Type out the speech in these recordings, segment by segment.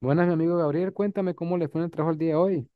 Buenas, mi amigo Gabriel, cuéntame cómo le fue en el trabajo el día de hoy.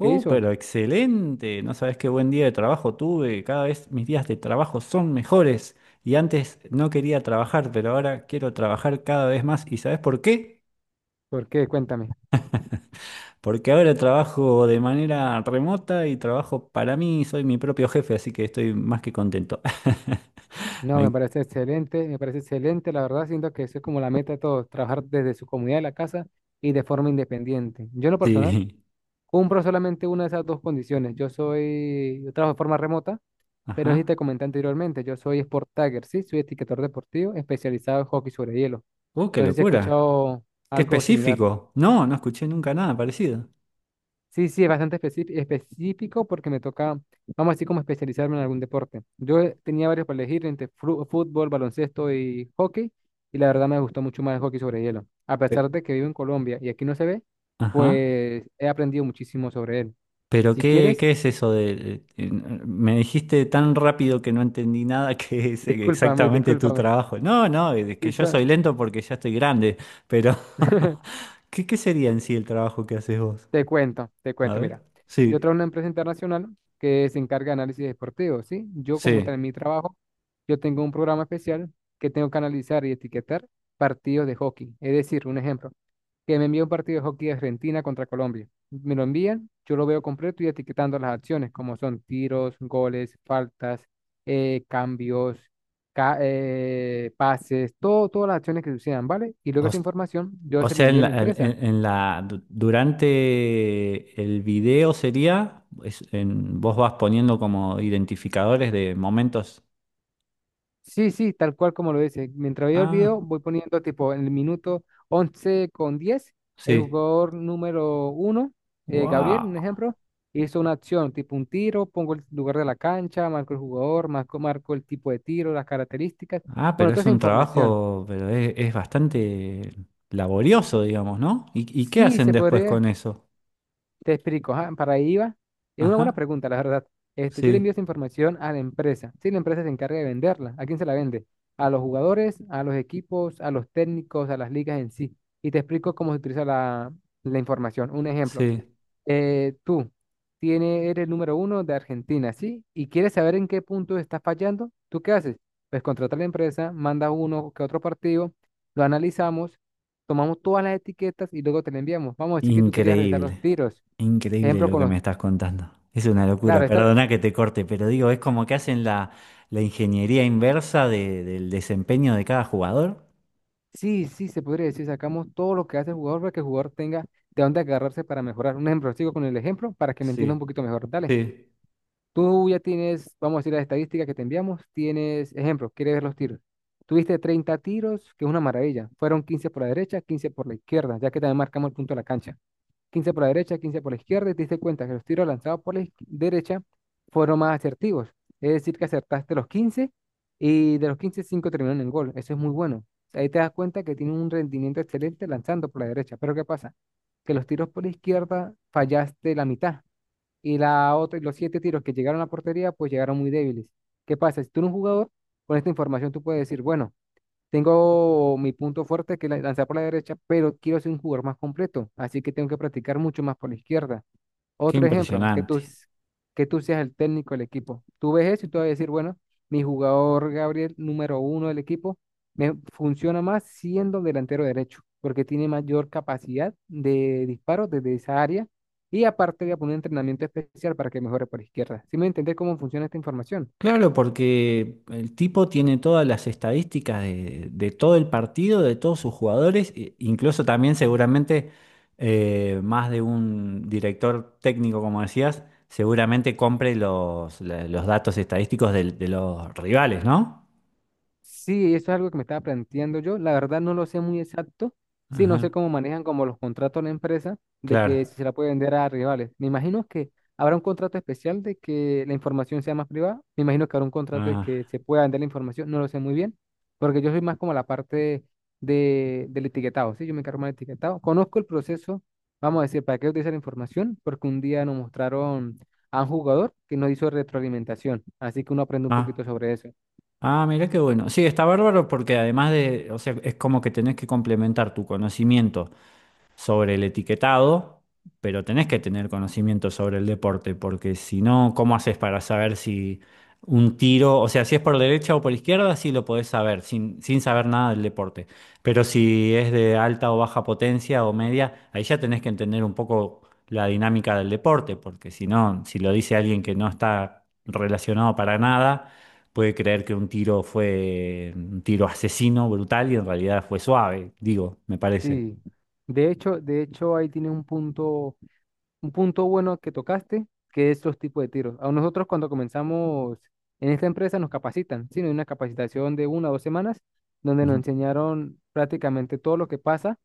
¿Qué hizo? pero excelente. No sabes qué buen día de trabajo tuve. Cada vez mis días de trabajo son mejores. Y antes no quería trabajar, pero ahora quiero trabajar cada vez más. ¿Y sabes por qué? ¿Por qué? Cuéntame. Porque ahora trabajo de manera remota y trabajo para mí. Soy mi propio jefe, así que estoy más que contento. No, Me en- me parece excelente, la verdad, siento que eso es como la meta de todos, trabajar desde su comunidad de la casa y de forma independiente. Yo en lo personal Sí. cumplo solamente una de esas dos condiciones. Yo trabajo de forma remota, pero no sé si te Ajá. comenté anteriormente, yo soy Sport Tagger, sí, soy etiquetador deportivo especializado en hockey sobre hielo. Qué No sé si has locura. escuchado Qué algo similar. específico. No, no escuché nunca nada parecido. Sí, sí, es bastante específico porque me toca, vamos a decir, como especializarme en algún deporte. Yo tenía varios para elegir entre fútbol, baloncesto y hockey, y la verdad me gustó mucho más el hockey sobre hielo. A pesar Eh, de que vivo en Colombia y aquí no se ve, Ajá. pues he aprendido muchísimo sobre él. Pero Si quieres, ¿qué es eso de... me dijiste tan rápido que no entendí nada que es discúlpame, exactamente tu discúlpame. trabajo. No, no, es que Sí, yo soy lento porque ya estoy grande, pero ¿qué sería en sí el trabajo que haces vos? Te A cuento, ver. mira, yo trabajo Sí, en una empresa internacional que se encarga de análisis deportivo, ¿sí? Yo como sí. tal en mi trabajo, yo tengo un programa especial que tengo que analizar y etiquetar partidos de hockey. Es decir, un ejemplo, que me envía un partido de hockey de Argentina contra Colombia. Me lo envían, yo lo veo completo y etiquetando las acciones, como son tiros, goles, faltas, cambios, pases, todo, todas las acciones que sucedan, ¿vale? Y luego O, esa s- información yo o se la sea, envío a la empresa. En la- du- Durante el video sería, vos vas poniendo como identificadores de momentos. Sí, sí, tal cual como lo dice. Mientras veo el Ah, video, voy poniendo tipo en el minuto 11 con 10, el sí. jugador número 1, Gabriel, un Wow. ejemplo, hizo una acción, tipo un tiro, pongo el lugar de la cancha, marco el jugador, marco el tipo de tiro, las características, Ah, bueno, pero toda es esa un información. trabajo, pero es bastante laborioso, digamos, ¿no? Y qué Sí, hacen se después con podría. eso? Te explico, ajá, para ahí iba. Es una Ajá, buena pregunta, la verdad. Este, yo le envío esa sí, información a la empresa. Si la empresa se encarga de venderla, ¿a quién se la vende? A los jugadores, a los equipos, a los técnicos, a las ligas en sí. Y te explico cómo se utiliza la información. Un ejemplo. sí. Tú eres el número 1 de Argentina, ¿sí? Y quieres saber en qué punto estás fallando. ¿Tú qué haces? Pues contrata a la empresa, manda uno que otro partido, lo analizamos, tomamos todas las etiquetas y luego te la enviamos. Vamos a decir que tú querías revisar los Increíble, tiros. increíble Ejemplo, lo con que los. me estás contando. Es una locura, Claro, esta, perdona que te corte, pero digo, es como que hacen la ingeniería inversa del desempeño de cada jugador. sí, sí, se podría decir, sacamos todo lo que hace el jugador para que el jugador tenga de dónde agarrarse para mejorar. Un ejemplo, sigo con el ejemplo para que me entienda un Sí, poquito mejor. Dale, sí. tú ya tienes, vamos a decir, las estadísticas que te enviamos, tienes, ejemplo, quieres ver los tiros. Tuviste 30 tiros, que es una maravilla. Fueron 15 por la derecha, 15 por la izquierda, ya que también marcamos el punto de la cancha. 15 por la derecha, 15 por la izquierda, y te diste cuenta que los tiros lanzados por la derecha fueron más asertivos. Es decir, que acertaste los 15 y de los 15, 5 terminaron en gol. Eso es muy bueno. Ahí te das cuenta que tiene un rendimiento excelente lanzando por la derecha. Pero ¿qué pasa? Que los tiros por la izquierda fallaste la mitad y la otra, los siete tiros que llegaron a la portería, pues llegaron muy débiles. ¿Qué pasa? Si tú eres un jugador, con esta información tú puedes decir, bueno, tengo mi punto fuerte, que es lanzar por la derecha, pero quiero ser un jugador más completo, así que tengo que practicar mucho más por la izquierda. Qué Otro ejemplo, que tú, impresionante. s- que tú seas el técnico del equipo. Tú ves eso y tú vas a decir, bueno, mi jugador Gabriel, número 1 del equipo, me funciona más siendo delantero derecho, porque tiene mayor capacidad de disparo desde esa área y aparte voy a poner un entrenamiento especial para que mejore por izquierda. ¿Sí me entendés cómo funciona esta información? Claro, porque el tipo tiene todas las estadísticas de todo el partido, de todos sus jugadores, incluso también seguramente más de un director técnico, como decías, seguramente compre los datos estadísticos los rivales, ¿no? Sí, eso es algo que me estaba planteando yo. La verdad no lo sé muy exacto. Sí, no sé Ajá, cómo manejan como los contratos de la empresa de claro. que si se la puede vender a rivales. Me imagino que habrá un contrato especial de que la información sea más privada. Me imagino que habrá un contrato de Ah, que se pueda vender la información. No lo sé muy bien, porque yo soy más como la parte del etiquetado. Sí, yo me encargo más del etiquetado. Conozco el proceso, vamos a decir, para qué utilizar la información, porque un día nos mostraron a un jugador que nos hizo retroalimentación. Así que uno aprende un poquito ah, sobre eso. ah, mirá qué bueno. Sí, está bárbaro porque además de, o sea, es como que tenés que complementar tu conocimiento sobre el etiquetado, pero tenés que tener conocimiento sobre el deporte, porque si no, ¿cómo haces para saber si un tiro, o sea, si es por derecha o por izquierda, sí lo podés saber, sin saber nada del deporte? Pero si es de alta o baja potencia o media, ahí ya tenés que entender un poco la dinámica del deporte, porque si no, si lo dice alguien que no está relacionado para nada, puede creer que un tiro fue un tiro asesino, brutal, y en realidad fue suave, digo, me parece. Sí, de hecho ahí tiene un punto bueno que tocaste, que es los tipos de tiros. A nosotros cuando comenzamos en esta empresa nos capacitan, sí, nos dio una capacitación de 1 o 2 semanas donde nos enseñaron prácticamente todo lo que pasa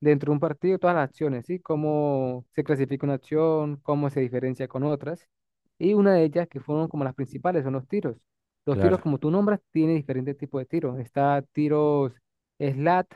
dentro de un partido, todas las acciones, ¿sí? Cómo se clasifica una acción, cómo se diferencia con otras. Y una de ellas, que fueron como las principales, son los tiros. Los tiros, Claro. como tú nombras, tiene diferentes tipos de tiros. Está tiros slat,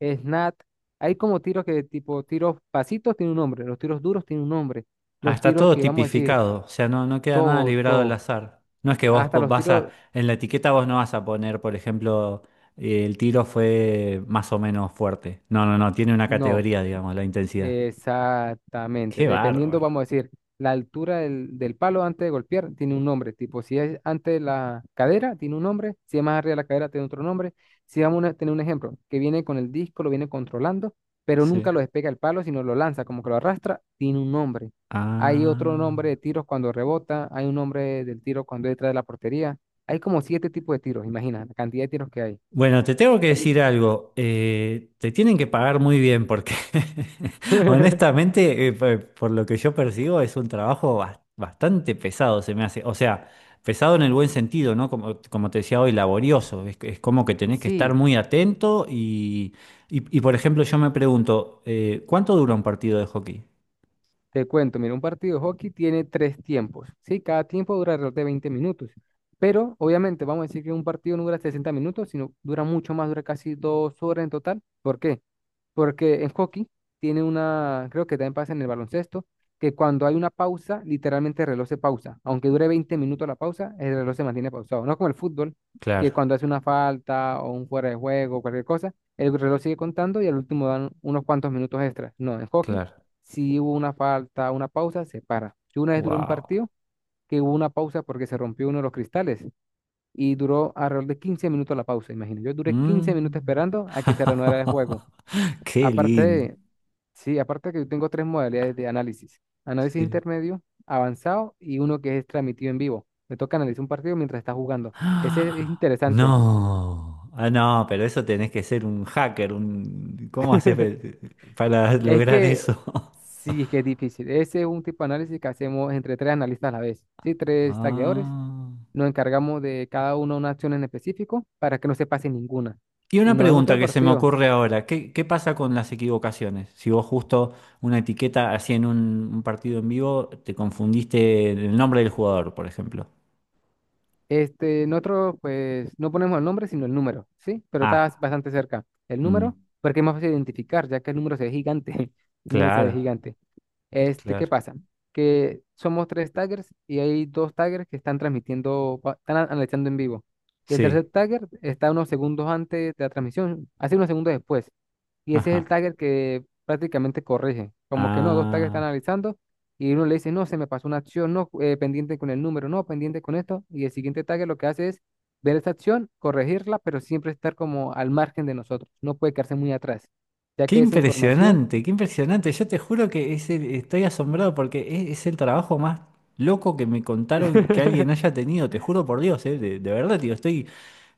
snat. Hay como tiros que tipo tiros pasitos tiene un nombre, los tiros duros tiene un nombre, Ah, los está tiros todo que vamos a decir, tipificado, o sea, no queda nada todo, librado al todo, azar. No es que hasta los vas a, tiros, en la etiqueta vos no vas a poner, por ejemplo, el tiro fue más o menos fuerte. No, tiene una no. categoría, digamos, la intensidad. Exactamente. Qué Dependiendo, bárbaro. vamos a decir, la altura del palo antes de golpear tiene un nombre. Tipo, si es antes de la cadera, tiene un nombre. Si es más arriba de la cadera, tiene otro nombre. Si vamos a tener un ejemplo, que viene con el disco, lo viene controlando, pero nunca Sí. lo despega el palo, sino lo lanza, como que lo arrastra, tiene un nombre. Hay otro Ah. nombre de tiros cuando rebota, hay un nombre del tiro cuando es detrás de la portería. Hay como siete tipos de tiros, imagina la cantidad de tiros que hay. Bueno, te tengo que decir algo. Te tienen que pagar muy bien porque honestamente, por lo que yo percibo, es un trabajo bastante pesado, se me hace. O sea, pesado en el buen sentido, ¿no? Como, como te decía hoy, laborioso. Es como que tenés que estar Sí, muy atento y, por ejemplo, yo me pregunto, ¿cuánto dura un partido de hockey? te cuento, mira, un partido de hockey tiene tres tiempos, ¿sí? Cada tiempo dura alrededor de 20 minutos, pero obviamente vamos a decir que un partido no dura 60 minutos, sino dura mucho más, dura casi 2 horas en total. ¿Por qué? Porque en hockey tiene una, creo que también pasa en el baloncesto, que cuando hay una pausa, literalmente el reloj se pausa. Aunque dure 20 minutos la pausa, el reloj se mantiene pausado. No como el fútbol, Claro, que cuando hace una falta o un fuera de juego, cualquier cosa, el reloj sigue contando y al último dan unos cuantos minutos extras. No, en hockey, claro. si hubo una falta, una pausa, se para. Yo una vez duré un Wow. partido que hubo una pausa porque se rompió uno de los cristales y duró alrededor de 15 minutos la pausa, imagínate. Yo duré 15 minutos Mm. esperando a que se reanudara el juego. Qué lindo. Aparte, sí, aparte que yo tengo tres modalidades de análisis. Análisis Sí. intermedio, avanzado y uno que es transmitido en vivo. Me toca analizar un partido mientras está jugando. Ese es ¡Ah! interesante. No, ah, no, pero eso tenés que ser un hacker, un... ¿Cómo para Es lograr que eso? sí, es que es difícil. Ese es un tipo de análisis que hacemos entre tres analistas a la vez. Sí, tres tagueadores. Ah. Nos encargamos de cada uno una acción en específico para que no se pase ninguna. Y Y una nos vemos todo pregunta el que se me partido. ocurre ahora, ¿qué pasa con las equivocaciones? Si vos justo una etiqueta así en un partido en vivo, te confundiste en el nombre del jugador, por ejemplo. Este, nosotros pues no ponemos el nombre, sino el número, ¿sí? Pero estás Ah, bastante cerca. El mm, número, porque es más fácil de identificar, ya que el número se ve gigante. El número se ve claro, gigante. Este, ¿qué claro, pasa? Que somos tres taggers y hay dos taggers que están transmitiendo, analizando en vivo. Y el tercer sí, tagger está unos segundos antes de la transmisión, hace unos segundos después. Y ese es el ajá, tagger que prácticamente corrige. Como que no, dos taggers están ah. analizando y uno le dice, no, se me pasó una acción, no, pendiente con el número, no, pendiente con esto. Y el siguiente tagger lo que hace es ver esa acción, corregirla, pero siempre estar como al margen de nosotros. No puede quedarse muy atrás, ya Qué que esa información... impresionante, qué impresionante. Yo te juro que estoy asombrado porque es el trabajo más loco que me contaron que alguien haya tenido. Te juro por Dios, de verdad, digo, estoy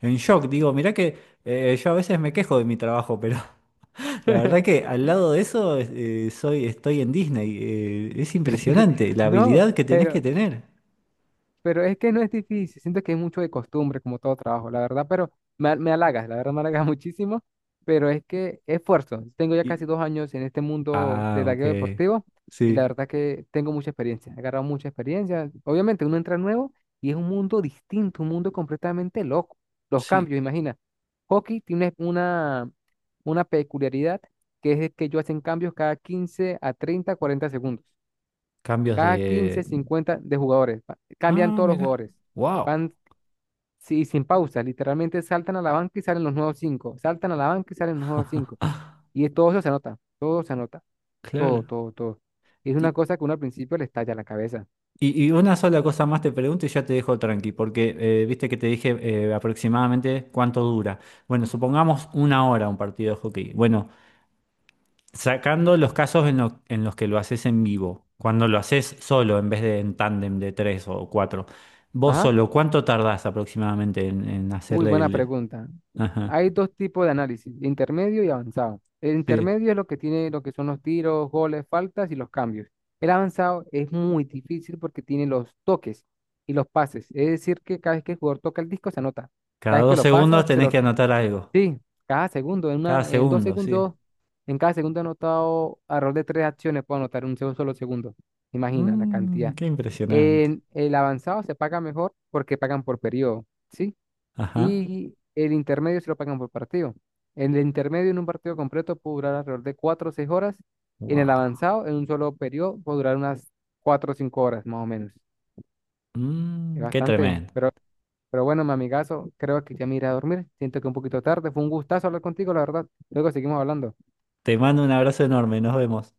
en shock. Digo, mirá que yo a veces me quejo de mi trabajo, pero la verdad que al lado de eso estoy en Disney. Es impresionante la No, habilidad que tenés que pero tener. Pero es que no es difícil, siento que es mucho de costumbre, como todo trabajo, la verdad, pero me halagas, la verdad me halagas muchísimo, pero es que esfuerzo. Tengo ya Y- casi 2 años en este mundo de ah, ok. tagueo deportivo y la Sí, verdad que tengo mucha experiencia, he agarrado mucha experiencia. Obviamente uno entra nuevo y es un mundo distinto, un mundo completamente loco. Los sí. cambios, imagina. Hockey tiene una peculiaridad que es que ellos hacen cambios cada 15 a 30, 40 segundos. Cambios Cada 15, de... 50 de jugadores. Cambian Ah, todos los mira, jugadores. wow, Van, sí, sin pausa. Literalmente saltan a la banca y salen los nuevos cinco. Saltan a la banca y salen los nuevos cinco. Y es todo, eso se anota. Todo se anota. Todo, claro. todo, todo. Es una cosa que uno al principio le estalla la cabeza. Y una sola cosa más te pregunto y ya te dejo tranqui, porque viste que te dije aproximadamente cuánto dura. Bueno, supongamos una hora un partido de hockey. Bueno, sacando los casos en los que lo haces en vivo, cuando lo haces solo en vez de en tándem de tres o cuatro, vos Ajá. solo, ¿cuánto tardás aproximadamente en Uy, hacerle buena el... pregunta. Ajá, Hay dos tipos de análisis, intermedio y avanzado. El sí. intermedio es lo que tiene, lo que son los tiros, goles, faltas y los cambios. El avanzado es muy difícil porque tiene los toques y los pases. Es decir, que cada vez que el jugador toca el disco se anota. Cada Cada vez que dos lo segundos pasa, se tenés lo, que anotar algo. sí, cada segundo, Cada en 2 segundo, sí. segundos, en cada segundo ha anotado alrededor de tres acciones, puedo anotar en un solo segundo. Imagina la Mmm, cantidad. qué impresionante. En el avanzado se paga mejor porque pagan por periodo, ¿sí? Ajá. Y el intermedio se lo pagan por partido. El intermedio en un partido completo puede durar alrededor de 4 o 6 horas, en el Wow. avanzado, en un solo periodo, puede durar unas 4 o 5 horas más o menos. Es Mmm, qué bastante, tremendo. pero bueno, mi amigazo, creo que ya me iré a dormir. Siento que un poquito tarde, fue un gustazo hablar contigo, la verdad. Luego seguimos hablando. Te mando un abrazo enorme, nos vemos.